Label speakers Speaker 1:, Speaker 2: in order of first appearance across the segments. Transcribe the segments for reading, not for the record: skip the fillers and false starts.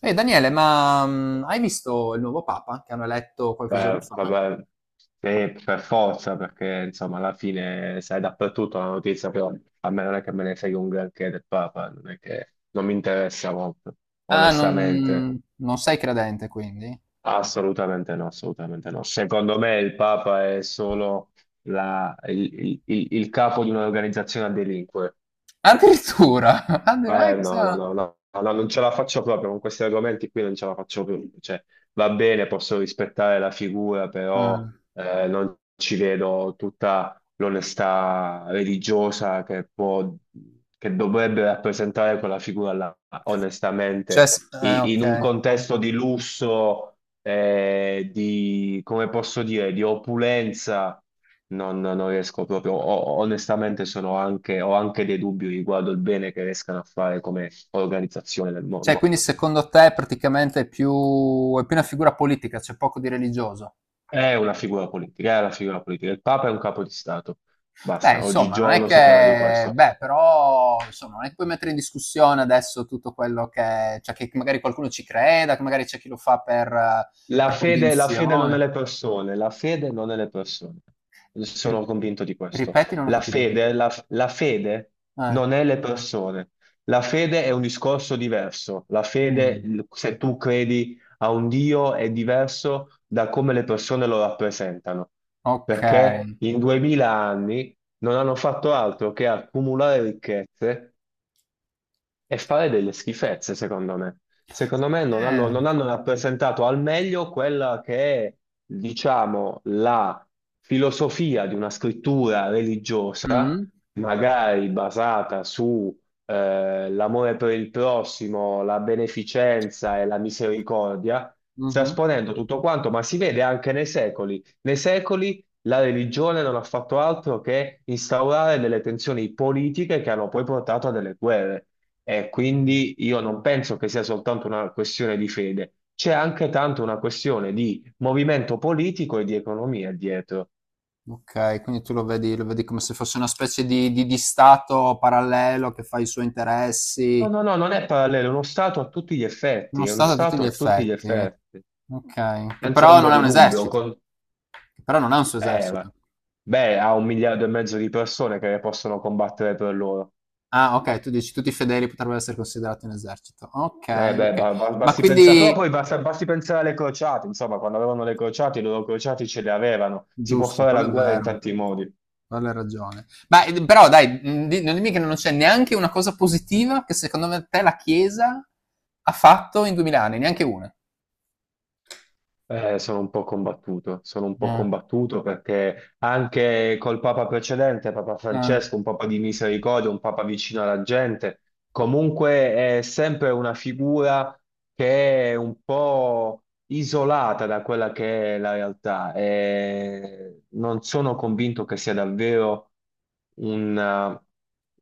Speaker 1: Ehi Daniele, ma hai visto il nuovo Papa che hanno eletto qualche giorno
Speaker 2: Beh,
Speaker 1: fa?
Speaker 2: vabbè, per forza, perché insomma alla fine sai dappertutto la notizia, però a me non è che me ne frega un granché del Papa, non è che non mi interessa molto,
Speaker 1: Ah,
Speaker 2: onestamente,
Speaker 1: non sei credente quindi?
Speaker 2: assolutamente no, assolutamente no. Secondo me il Papa è solo il capo di un'organizzazione a delinquere.
Speaker 1: Addirittura!
Speaker 2: No, no,
Speaker 1: Addirittura!
Speaker 2: no, no, no, non ce la faccio proprio con questi argomenti qui, non ce la faccio più. Cioè, va bene, posso rispettare la figura, però
Speaker 1: Ah,
Speaker 2: non ci vedo tutta l'onestà religiosa che può, che dovrebbe rappresentare quella figura là,
Speaker 1: cioè,
Speaker 2: onestamente. In un
Speaker 1: ok.
Speaker 2: contesto di lusso, di, come posso dire, di opulenza. Non riesco proprio, onestamente sono anche, ho anche dei dubbi riguardo il bene che riescano a fare come organizzazione del
Speaker 1: Cioè,
Speaker 2: mondo.
Speaker 1: quindi secondo te praticamente è più una figura politica, c'è poco di religioso?
Speaker 2: È una figura politica, è una figura politica. Il Papa è un capo di Stato.
Speaker 1: Beh,
Speaker 2: Basta,
Speaker 1: insomma, non è
Speaker 2: oggigiorno si parla di
Speaker 1: che.
Speaker 2: questo.
Speaker 1: Beh, però, insomma, non è che puoi mettere in discussione adesso tutto quello che. Cioè, che magari qualcuno ci creda, che magari c'è chi lo fa per, per
Speaker 2: La fede non è
Speaker 1: convinzione.
Speaker 2: le persone, la fede non è le persone.
Speaker 1: Ri
Speaker 2: Sono convinto di questo.
Speaker 1: ripeti, non ho
Speaker 2: La
Speaker 1: capito.
Speaker 2: fede, la fede
Speaker 1: Eh.
Speaker 2: non è le persone. La fede è un discorso diverso. La fede,
Speaker 1: Mh,
Speaker 2: se tu credi a un Dio, è diverso da come le persone lo rappresentano.
Speaker 1: okay.
Speaker 2: Perché in duemila anni non hanno fatto altro che accumulare ricchezze e fare delle schifezze, secondo me. Secondo me
Speaker 1: Eh.
Speaker 2: non hanno rappresentato al meglio quella che è, diciamo, la filosofia di una scrittura religiosa,
Speaker 1: Mh.
Speaker 2: magari basata su l'amore per il prossimo, la beneficenza e la misericordia,
Speaker 1: Mh-mh.
Speaker 2: trasponendo tutto quanto, ma si vede anche nei secoli. Nei secoli la religione non ha fatto altro che instaurare delle tensioni politiche che hanno poi portato a delle guerre. E
Speaker 1: Mh.
Speaker 2: quindi io non penso che sia soltanto una questione di fede, c'è anche tanto una questione di movimento politico e di economia dietro.
Speaker 1: Okay, quindi tu lo vedi come se fosse una specie di stato parallelo che fa i suoi
Speaker 2: No,
Speaker 1: interessi.
Speaker 2: no, no, non è parallelo, è uno Stato a tutti gli
Speaker 1: Uno
Speaker 2: effetti, è uno
Speaker 1: stato a tutti
Speaker 2: Stato
Speaker 1: gli
Speaker 2: a tutti gli
Speaker 1: effetti.
Speaker 2: effetti,
Speaker 1: Okay,
Speaker 2: senza ombra di dubbio.
Speaker 1: che però non ha un suo
Speaker 2: Eh,
Speaker 1: esercito.
Speaker 2: ma- Beh, ha un miliardo e mezzo di persone che possono combattere per loro.
Speaker 1: Ah okay, tu dici tutti i fedeli potrebbero essere considerati un esercito. Okay,
Speaker 2: Beh,
Speaker 1: okay. Ma
Speaker 2: basti pensare, però
Speaker 1: quindi
Speaker 2: poi basti pensare alle crociate, insomma, quando avevano le crociate, i loro crociati ce le avevano, si può
Speaker 1: Giusto,
Speaker 2: fare
Speaker 1: quello
Speaker 2: la
Speaker 1: è
Speaker 2: guerra in
Speaker 1: vero.
Speaker 2: tanti modi.
Speaker 1: Quella hai ragione. Ma però dai, non dimmi che non c'è neanche una cosa positiva che secondo me te la Chiesa ha fatto in 2000 anni, neanche una.
Speaker 2: Sono un po' combattuto, sono un po'
Speaker 1: Eh,
Speaker 2: combattuto perché anche col Papa precedente, Papa
Speaker 1: eh,
Speaker 2: Francesco, un Papa di misericordia, un Papa vicino alla gente, comunque è sempre una figura che è un po' isolata da quella che è la realtà e non sono convinto che sia davvero una,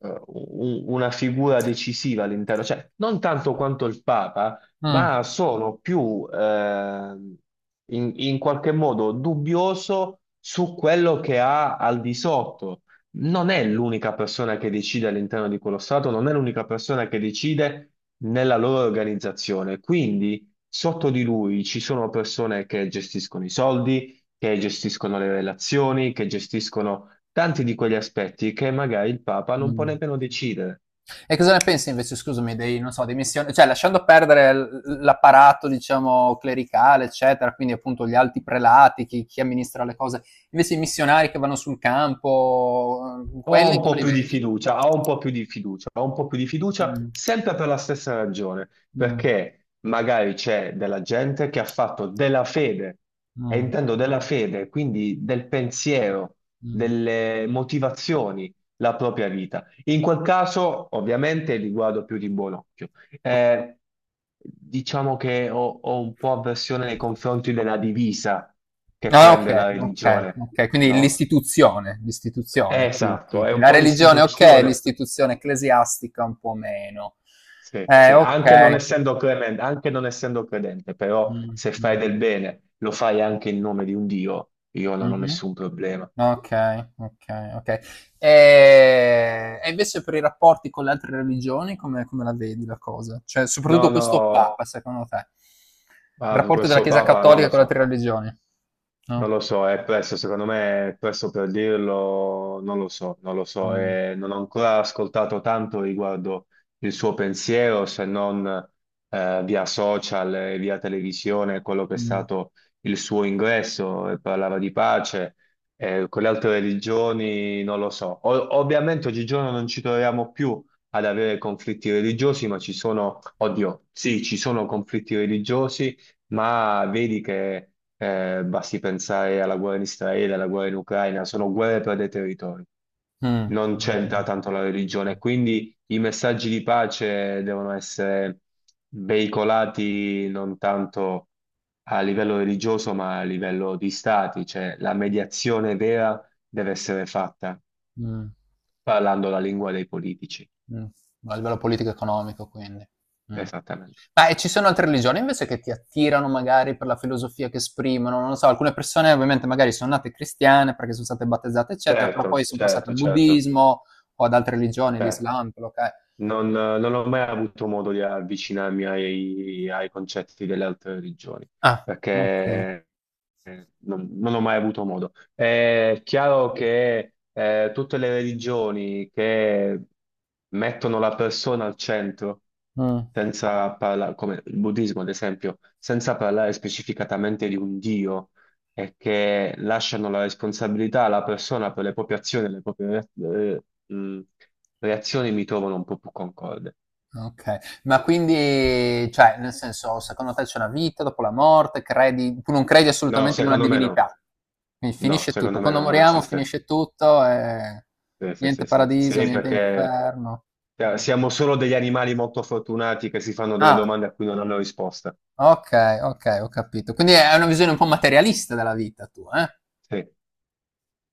Speaker 2: una figura decisiva all'interno, cioè non tanto quanto il Papa
Speaker 1: mm.
Speaker 2: ma sono più in, in qualche modo dubbioso su quello che ha al di sotto. Non è l'unica persona che decide all'interno di quello Stato, non è l'unica persona che decide nella loro organizzazione. Quindi sotto di lui ci sono persone che gestiscono i soldi, che gestiscono le relazioni, che gestiscono tanti di quegli aspetti che magari il Papa non può
Speaker 1: Mm.
Speaker 2: nemmeno decidere.
Speaker 1: E cosa ne pensi invece, scusami, dei, non so, dei missioni, cioè lasciando perdere l'apparato, diciamo, clericale, eccetera, quindi appunto gli alti prelati, chi amministra le cose, invece i missionari che vanno sul campo,
Speaker 2: Ho
Speaker 1: quelli
Speaker 2: un
Speaker 1: come
Speaker 2: po'
Speaker 1: li
Speaker 2: più di
Speaker 1: vedi?
Speaker 2: fiducia, ho un po' più di fiducia, ho un po' più di fiducia
Speaker 1: Mm,
Speaker 2: sempre per la stessa ragione,
Speaker 1: mm,
Speaker 2: perché magari c'è della gente che ha fatto della fede, e
Speaker 1: mm,
Speaker 2: intendo della fede, quindi del pensiero,
Speaker 1: mm.
Speaker 2: delle motivazioni, la propria vita. In quel caso, ovviamente, li guardo più di buon occhio. Eh, diciamo che ho, ho un po' avversione nei confronti della divisa che
Speaker 1: Ah,
Speaker 2: prende la
Speaker 1: okay, okay,
Speaker 2: religione,
Speaker 1: okay. Quindi
Speaker 2: no?
Speaker 1: l'istituzione, l'istituzione ti ti
Speaker 2: Esatto, è
Speaker 1: ti
Speaker 2: un
Speaker 1: la
Speaker 2: po'
Speaker 1: religione okay,
Speaker 2: l'istituzione,
Speaker 1: l'istituzione ecclesiastica un po' meno.
Speaker 2: sì, sì,
Speaker 1: Okay.
Speaker 2: anche non essendo credente, però
Speaker 1: Mh,
Speaker 2: se fai
Speaker 1: mh.
Speaker 2: del bene lo fai anche in nome di un Dio, io non ho
Speaker 1: Mh-mh.
Speaker 2: nessun problema.
Speaker 1: Okay, okay, okay. E invece per i rapporti con le altre religioni come la vedi la cosa? Cioè,
Speaker 2: No,
Speaker 1: soprattutto questo
Speaker 2: no,
Speaker 1: Papa secondo te? Il
Speaker 2: ah,
Speaker 1: rapporto della
Speaker 2: questo
Speaker 1: Chiesa
Speaker 2: Papa non
Speaker 1: cattolica
Speaker 2: lo
Speaker 1: con le
Speaker 2: so.
Speaker 1: altre religioni.
Speaker 2: Non
Speaker 1: No?
Speaker 2: lo so, è presto, secondo me è presto per dirlo, non lo so, non lo so,
Speaker 1: Mh.
Speaker 2: e non ho ancora ascoltato tanto riguardo il suo pensiero, se non via social e via televisione, quello che è
Speaker 1: Mh.
Speaker 2: stato il suo ingresso, e parlava di pace, con le altre religioni non lo so. Ovviamente oggigiorno non ci troviamo più ad avere conflitti religiosi, ma ci sono, oddio, sì, ci sono conflitti religiosi ma vedi che basti pensare alla guerra in Israele, alla guerra in Ucraina, sono guerre per dei territori,
Speaker 1: Mh.
Speaker 2: non c'entra tanto la religione, quindi i messaggi di pace devono essere veicolati non tanto a livello religioso, ma a livello di stati, cioè la mediazione vera deve essere fatta
Speaker 1: Mh, mh.
Speaker 2: parlando la lingua dei politici,
Speaker 1: Mh, a livello politico economico quindi. Mh.
Speaker 2: esattamente.
Speaker 1: Ma e ci sono altre religioni invece che ti attirano magari per la filosofia che esprimono? Non lo so, alcune persone ovviamente magari sono nate cristiane perché son state battezzate eccetera, però
Speaker 2: Certo,
Speaker 1: poi son passate
Speaker 2: certo,
Speaker 1: al
Speaker 2: certo,
Speaker 1: buddismo o ad altre religioni,
Speaker 2: certo.
Speaker 1: l'Islam, quello che è.
Speaker 2: Non ho mai avuto modo di avvicinarmi ai, ai concetti delle altre religioni,
Speaker 1: Ah, okay.
Speaker 2: perché non ho mai avuto modo. È chiaro che tutte le religioni che mettono la persona al centro,
Speaker 1: Mh.
Speaker 2: senza parlare, come il buddismo ad esempio, senza parlare specificatamente di un Dio è che lasciano la responsabilità alla persona per le proprie azioni, e le proprie re- eh, mh, reazioni mi trovano un po' più concorde.
Speaker 1: Okay. Ma quindi, cioè, nel senso, secondo te c'è una vita dopo la morte? Credi tu non credi
Speaker 2: No,
Speaker 1: assolutamente in una
Speaker 2: secondo me no.
Speaker 1: divinità? Quindi
Speaker 2: No,
Speaker 1: finisce tutto.
Speaker 2: secondo me
Speaker 1: Quando
Speaker 2: no, non
Speaker 1: moriamo
Speaker 2: esiste.
Speaker 1: finisce tutto e
Speaker 2: Sì, sì,
Speaker 1: niente
Speaker 2: sì, sì.
Speaker 1: paradiso,
Speaker 2: Sì,
Speaker 1: niente
Speaker 2: perché
Speaker 1: inferno.
Speaker 2: siamo solo degli animali molto fortunati che si fanno delle
Speaker 1: Ah,
Speaker 2: domande a cui non hanno risposta.
Speaker 1: okay, okay, ho capito. Quindi è una visione un po' materialista della vita tua, eh?
Speaker 2: Sì,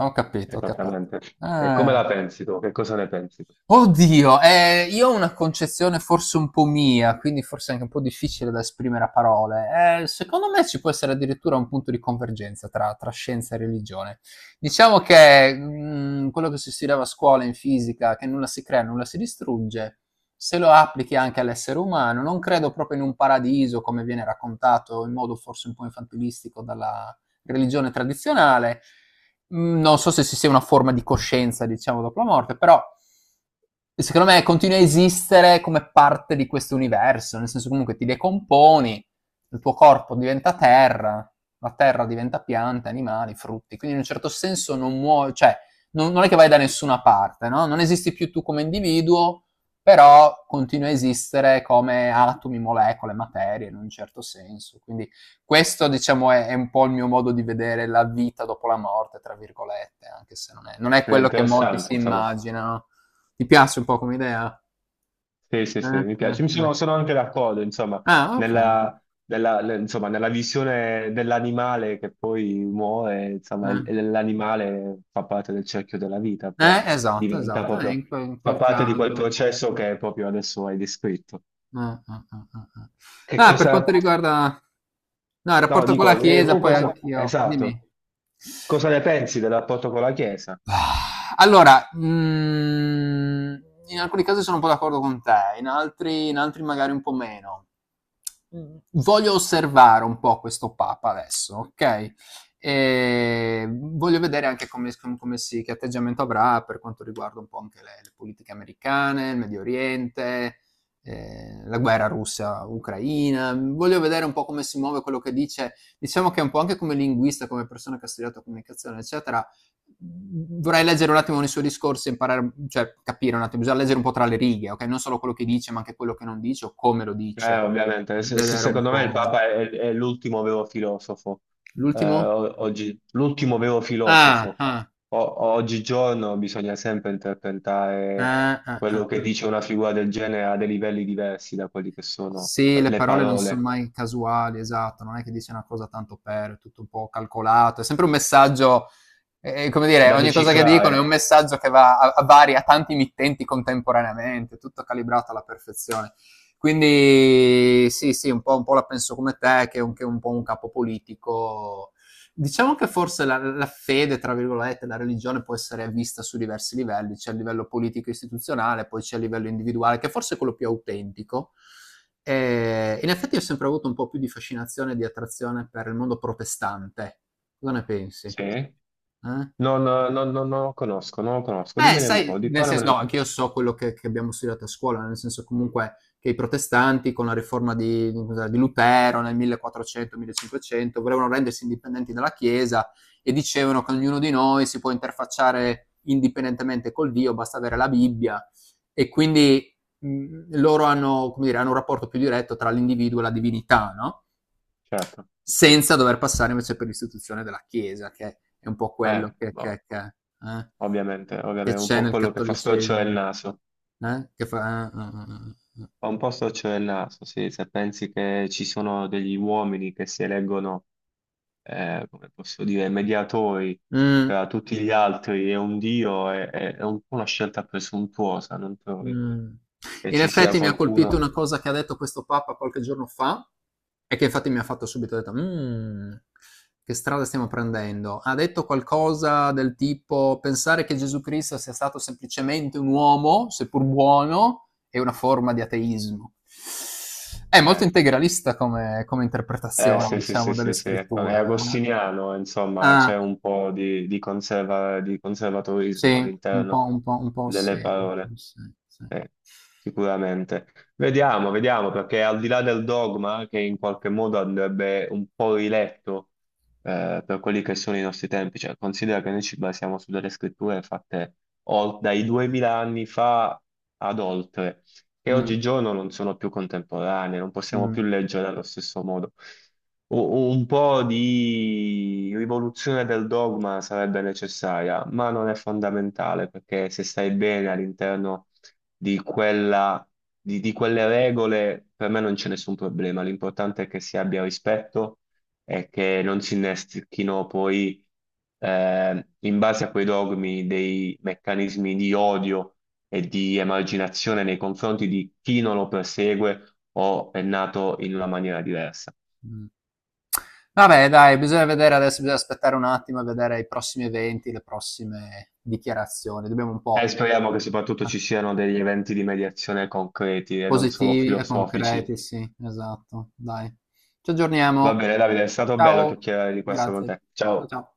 Speaker 1: Ho capito, ho capi
Speaker 2: esattamente. E come
Speaker 1: ah.
Speaker 2: la pensi tu? Che cosa ne pensi tu?
Speaker 1: Oddio, io ho una concezione forse un po' mia, quindi forse anche un po' difficile da esprimere a parole. Secondo me ci può essere addirittura un punto di convergenza tra, scienza e religione. Diciamo che quello che si studiava a scuola in fisica, che nulla si crea, nulla si distrugge, se lo applichi anche all'essere umano, non credo proprio in un paradiso come viene raccontato in modo forse un po' infantilistico dalla religione tradizionale. Non so se ci sia una forma di coscienza, diciamo, dopo la morte, però secondo me continua a esistere come parte di questo universo, nel senso comunque ti decomponi, il tuo corpo diventa terra, la terra diventa piante, animali, frutti, quindi in un certo senso non muovi, cioè non è che vai da nessuna parte, no? Non esisti più tu come individuo, però continua a esistere come atomi, molecole, materie in un certo senso, quindi questo, diciamo, è un po' il mio modo di vedere la vita dopo la morte, tra virgolette, anche se non è
Speaker 2: È
Speaker 1: quello che molti
Speaker 2: interessante,
Speaker 1: si
Speaker 2: insomma.
Speaker 1: immaginano. Ti piace un po' come idea?
Speaker 2: Sì, sì, sì,
Speaker 1: Eh,
Speaker 2: mi piace.
Speaker 1: eh.
Speaker 2: Sono anche d'accordo, insomma,
Speaker 1: Ah, ok.
Speaker 2: nella, insomma, nella visione dell'animale che poi muore, insomma,
Speaker 1: Eh.
Speaker 2: e l'animale fa parte del cerchio della vita, poi
Speaker 1: Esatto,
Speaker 2: diventa
Speaker 1: esatto, eh, in,
Speaker 2: proprio,
Speaker 1: que- in
Speaker 2: fa
Speaker 1: quel
Speaker 2: parte di quel
Speaker 1: caso.
Speaker 2: processo che proprio adesso hai descritto.
Speaker 1: Eh.
Speaker 2: Che
Speaker 1: Ah, per quanto
Speaker 2: cosa,
Speaker 1: riguarda. No, il
Speaker 2: no,
Speaker 1: rapporto con la
Speaker 2: dico,
Speaker 1: Chiesa,
Speaker 2: tu
Speaker 1: poi
Speaker 2: cosa,
Speaker 1: anch'io.
Speaker 2: esatto,
Speaker 1: Dimmi.
Speaker 2: cosa ne pensi del rapporto con la Chiesa?
Speaker 1: Allora, in alcuni casi sono un po' d'accordo con te, in altri, magari un po' meno. Voglio osservare un po' questo Papa adesso, ok? E voglio vedere anche che atteggiamento avrà per quanto riguarda un po' anche le politiche americane, il Medio Oriente, la guerra russa-ucraina. Voglio vedere un po' come si muove quello che dice. Diciamo che un po' anche come linguista, come persona che ha studiato comunicazione, eccetera, vorrei leggere un attimo nei suoi discorsi, imparare, cioè capire un attimo, bisogna leggere un po' tra le righe, ok? Non solo quello che dice, ma anche quello che non dice o come lo dice.
Speaker 2: Ovviamente,
Speaker 1: Vedere un
Speaker 2: secondo me il
Speaker 1: po'.
Speaker 2: Papa è l'ultimo vero filosofo,
Speaker 1: L'ultimo?
Speaker 2: oggi, l'ultimo vero
Speaker 1: Ah,
Speaker 2: filosofo.
Speaker 1: ah,
Speaker 2: Oggigiorno bisogna sempre interpretare
Speaker 1: ah, ah, ah,
Speaker 2: quello che
Speaker 1: ah.
Speaker 2: dice una figura del genere a dei livelli diversi da quelli che sono
Speaker 1: Sì, le
Speaker 2: le
Speaker 1: parole non sono
Speaker 2: parole,
Speaker 1: mai casuali, esatto, non è che dice una cosa tanto per, è tutto un po' calcolato, è sempre un messaggio. E, come dire,
Speaker 2: da
Speaker 1: ogni cosa che dicono è un
Speaker 2: decifrare.
Speaker 1: messaggio che va a vari, a tanti mittenti contemporaneamente, tutto calibrato alla perfezione. Quindi sì, sì, un po' la penso come te, che è un po' un capo politico. Diciamo che forse la fede, tra virgolette, la religione può essere vista su diversi livelli, c'è a livello politico istituzionale, poi c'è a livello individuale, che forse è quello più autentico. E in effetti ho sempre avuto un po' più di fascinazione e di attrazione per il mondo protestante. Cosa ne pensi?
Speaker 2: Sì?
Speaker 1: Eh?
Speaker 2: Non lo conosco, non lo conosco.
Speaker 1: Beh,
Speaker 2: Dimmene un
Speaker 1: sai,
Speaker 2: po', di
Speaker 1: nel senso,
Speaker 2: parlamene
Speaker 1: no,
Speaker 2: un po'.
Speaker 1: anche io so quello che, abbiamo studiato a scuola, nel senso comunque che i protestanti con la riforma di cos'era, di Lutero nel 1400-1500 volevano rendersi indipendenti dalla Chiesa e dicevano che ognuno di noi si può interfacciare indipendentemente col Dio, basta avere la Bibbia e quindi loro hanno, come dire, hanno un rapporto più diretto tra l'individuo e la divinità, no?
Speaker 2: Certo,
Speaker 1: Senza dover passare invece per l'istituzione della Chiesa, che è un po' quello
Speaker 2: eh,
Speaker 1: che
Speaker 2: boh,
Speaker 1: che che eh,
Speaker 2: ovviamente, ovviamente,
Speaker 1: che
Speaker 2: è un
Speaker 1: c'è
Speaker 2: po'
Speaker 1: nel
Speaker 2: quello che fa storcere il
Speaker 1: cattolicesimo.
Speaker 2: naso.
Speaker 1: Eh? Che fa eh.
Speaker 2: Ho un po' storcere il naso, sì, se pensi che ci sono degli uomini che si eleggono, come posso dire, mediatori
Speaker 1: Mh.
Speaker 2: tra tutti gli altri e un dio, è un po' una scelta presuntuosa, non trovi?
Speaker 1: Mh.
Speaker 2: Che
Speaker 1: In
Speaker 2: ci sia
Speaker 1: effetti mi ha colpito
Speaker 2: qualcuno?
Speaker 1: una cosa che ha detto questo papa qualche giorno fa, e che infatti mi ha fatto subito ho detto: "Mhmm, che strada stiamo prendendo". Ha detto qualcosa del tipo: "Pensare che Gesù Cristo sia stato semplicemente un uomo, seppur buono, è una forma di ateismo". È molto
Speaker 2: Eh.
Speaker 1: integralista come
Speaker 2: Eh
Speaker 1: interpretazione,
Speaker 2: sì, sì, sì,
Speaker 1: diciamo, delle
Speaker 2: sì, sì, è
Speaker 1: scritture, eh.
Speaker 2: agostiniano, insomma, c'è
Speaker 1: Ah,
Speaker 2: un po' di, di conservatorismo
Speaker 1: sì, un po'
Speaker 2: all'interno
Speaker 1: un po'
Speaker 2: delle
Speaker 1: un
Speaker 2: parole,
Speaker 1: po' sì, sì.
Speaker 2: eh, sicuramente. Vediamo, vediamo, perché al di là del dogma, che in qualche modo andrebbe un po' riletto per quelli che sono i nostri tempi, cioè considera che noi ci basiamo su delle scritture fatte dai 2000 anni fa ad oltre che
Speaker 1: Mh,
Speaker 2: oggigiorno non sono più contemporanee, non possiamo
Speaker 1: mh.
Speaker 2: più leggere allo stesso modo. U- Un po' di rivoluzione del dogma sarebbe necessaria, ma non è fondamentale perché se stai bene all'interno di quella, di quelle regole, per me non c'è nessun problema. L'importante è che si abbia rispetto e che non si innestechino poi in base a quei dogmi dei meccanismi di odio e di emarginazione nei confronti di chi non lo persegue o è nato in una maniera diversa.
Speaker 1: Mh. Vabbè dai, bisogna vedere adesso, bisogna aspettare un attimo e vedere i prossimi eventi, le prossime dichiarazioni. Dobbiamo un
Speaker 2: E
Speaker 1: po'
Speaker 2: speriamo che soprattutto
Speaker 1: ma
Speaker 2: ci siano degli eventi di mediazione concreti e non solo
Speaker 1: positivi e
Speaker 2: filosofici.
Speaker 1: concreti, sì, esatto, dai. Ci
Speaker 2: Va
Speaker 1: aggiorniamo.
Speaker 2: bene, Davide, è stato bello
Speaker 1: Ciao,
Speaker 2: chiacchierare di questo con
Speaker 1: grazie.
Speaker 2: te.
Speaker 1: Ciao,
Speaker 2: Ciao.
Speaker 1: ciao.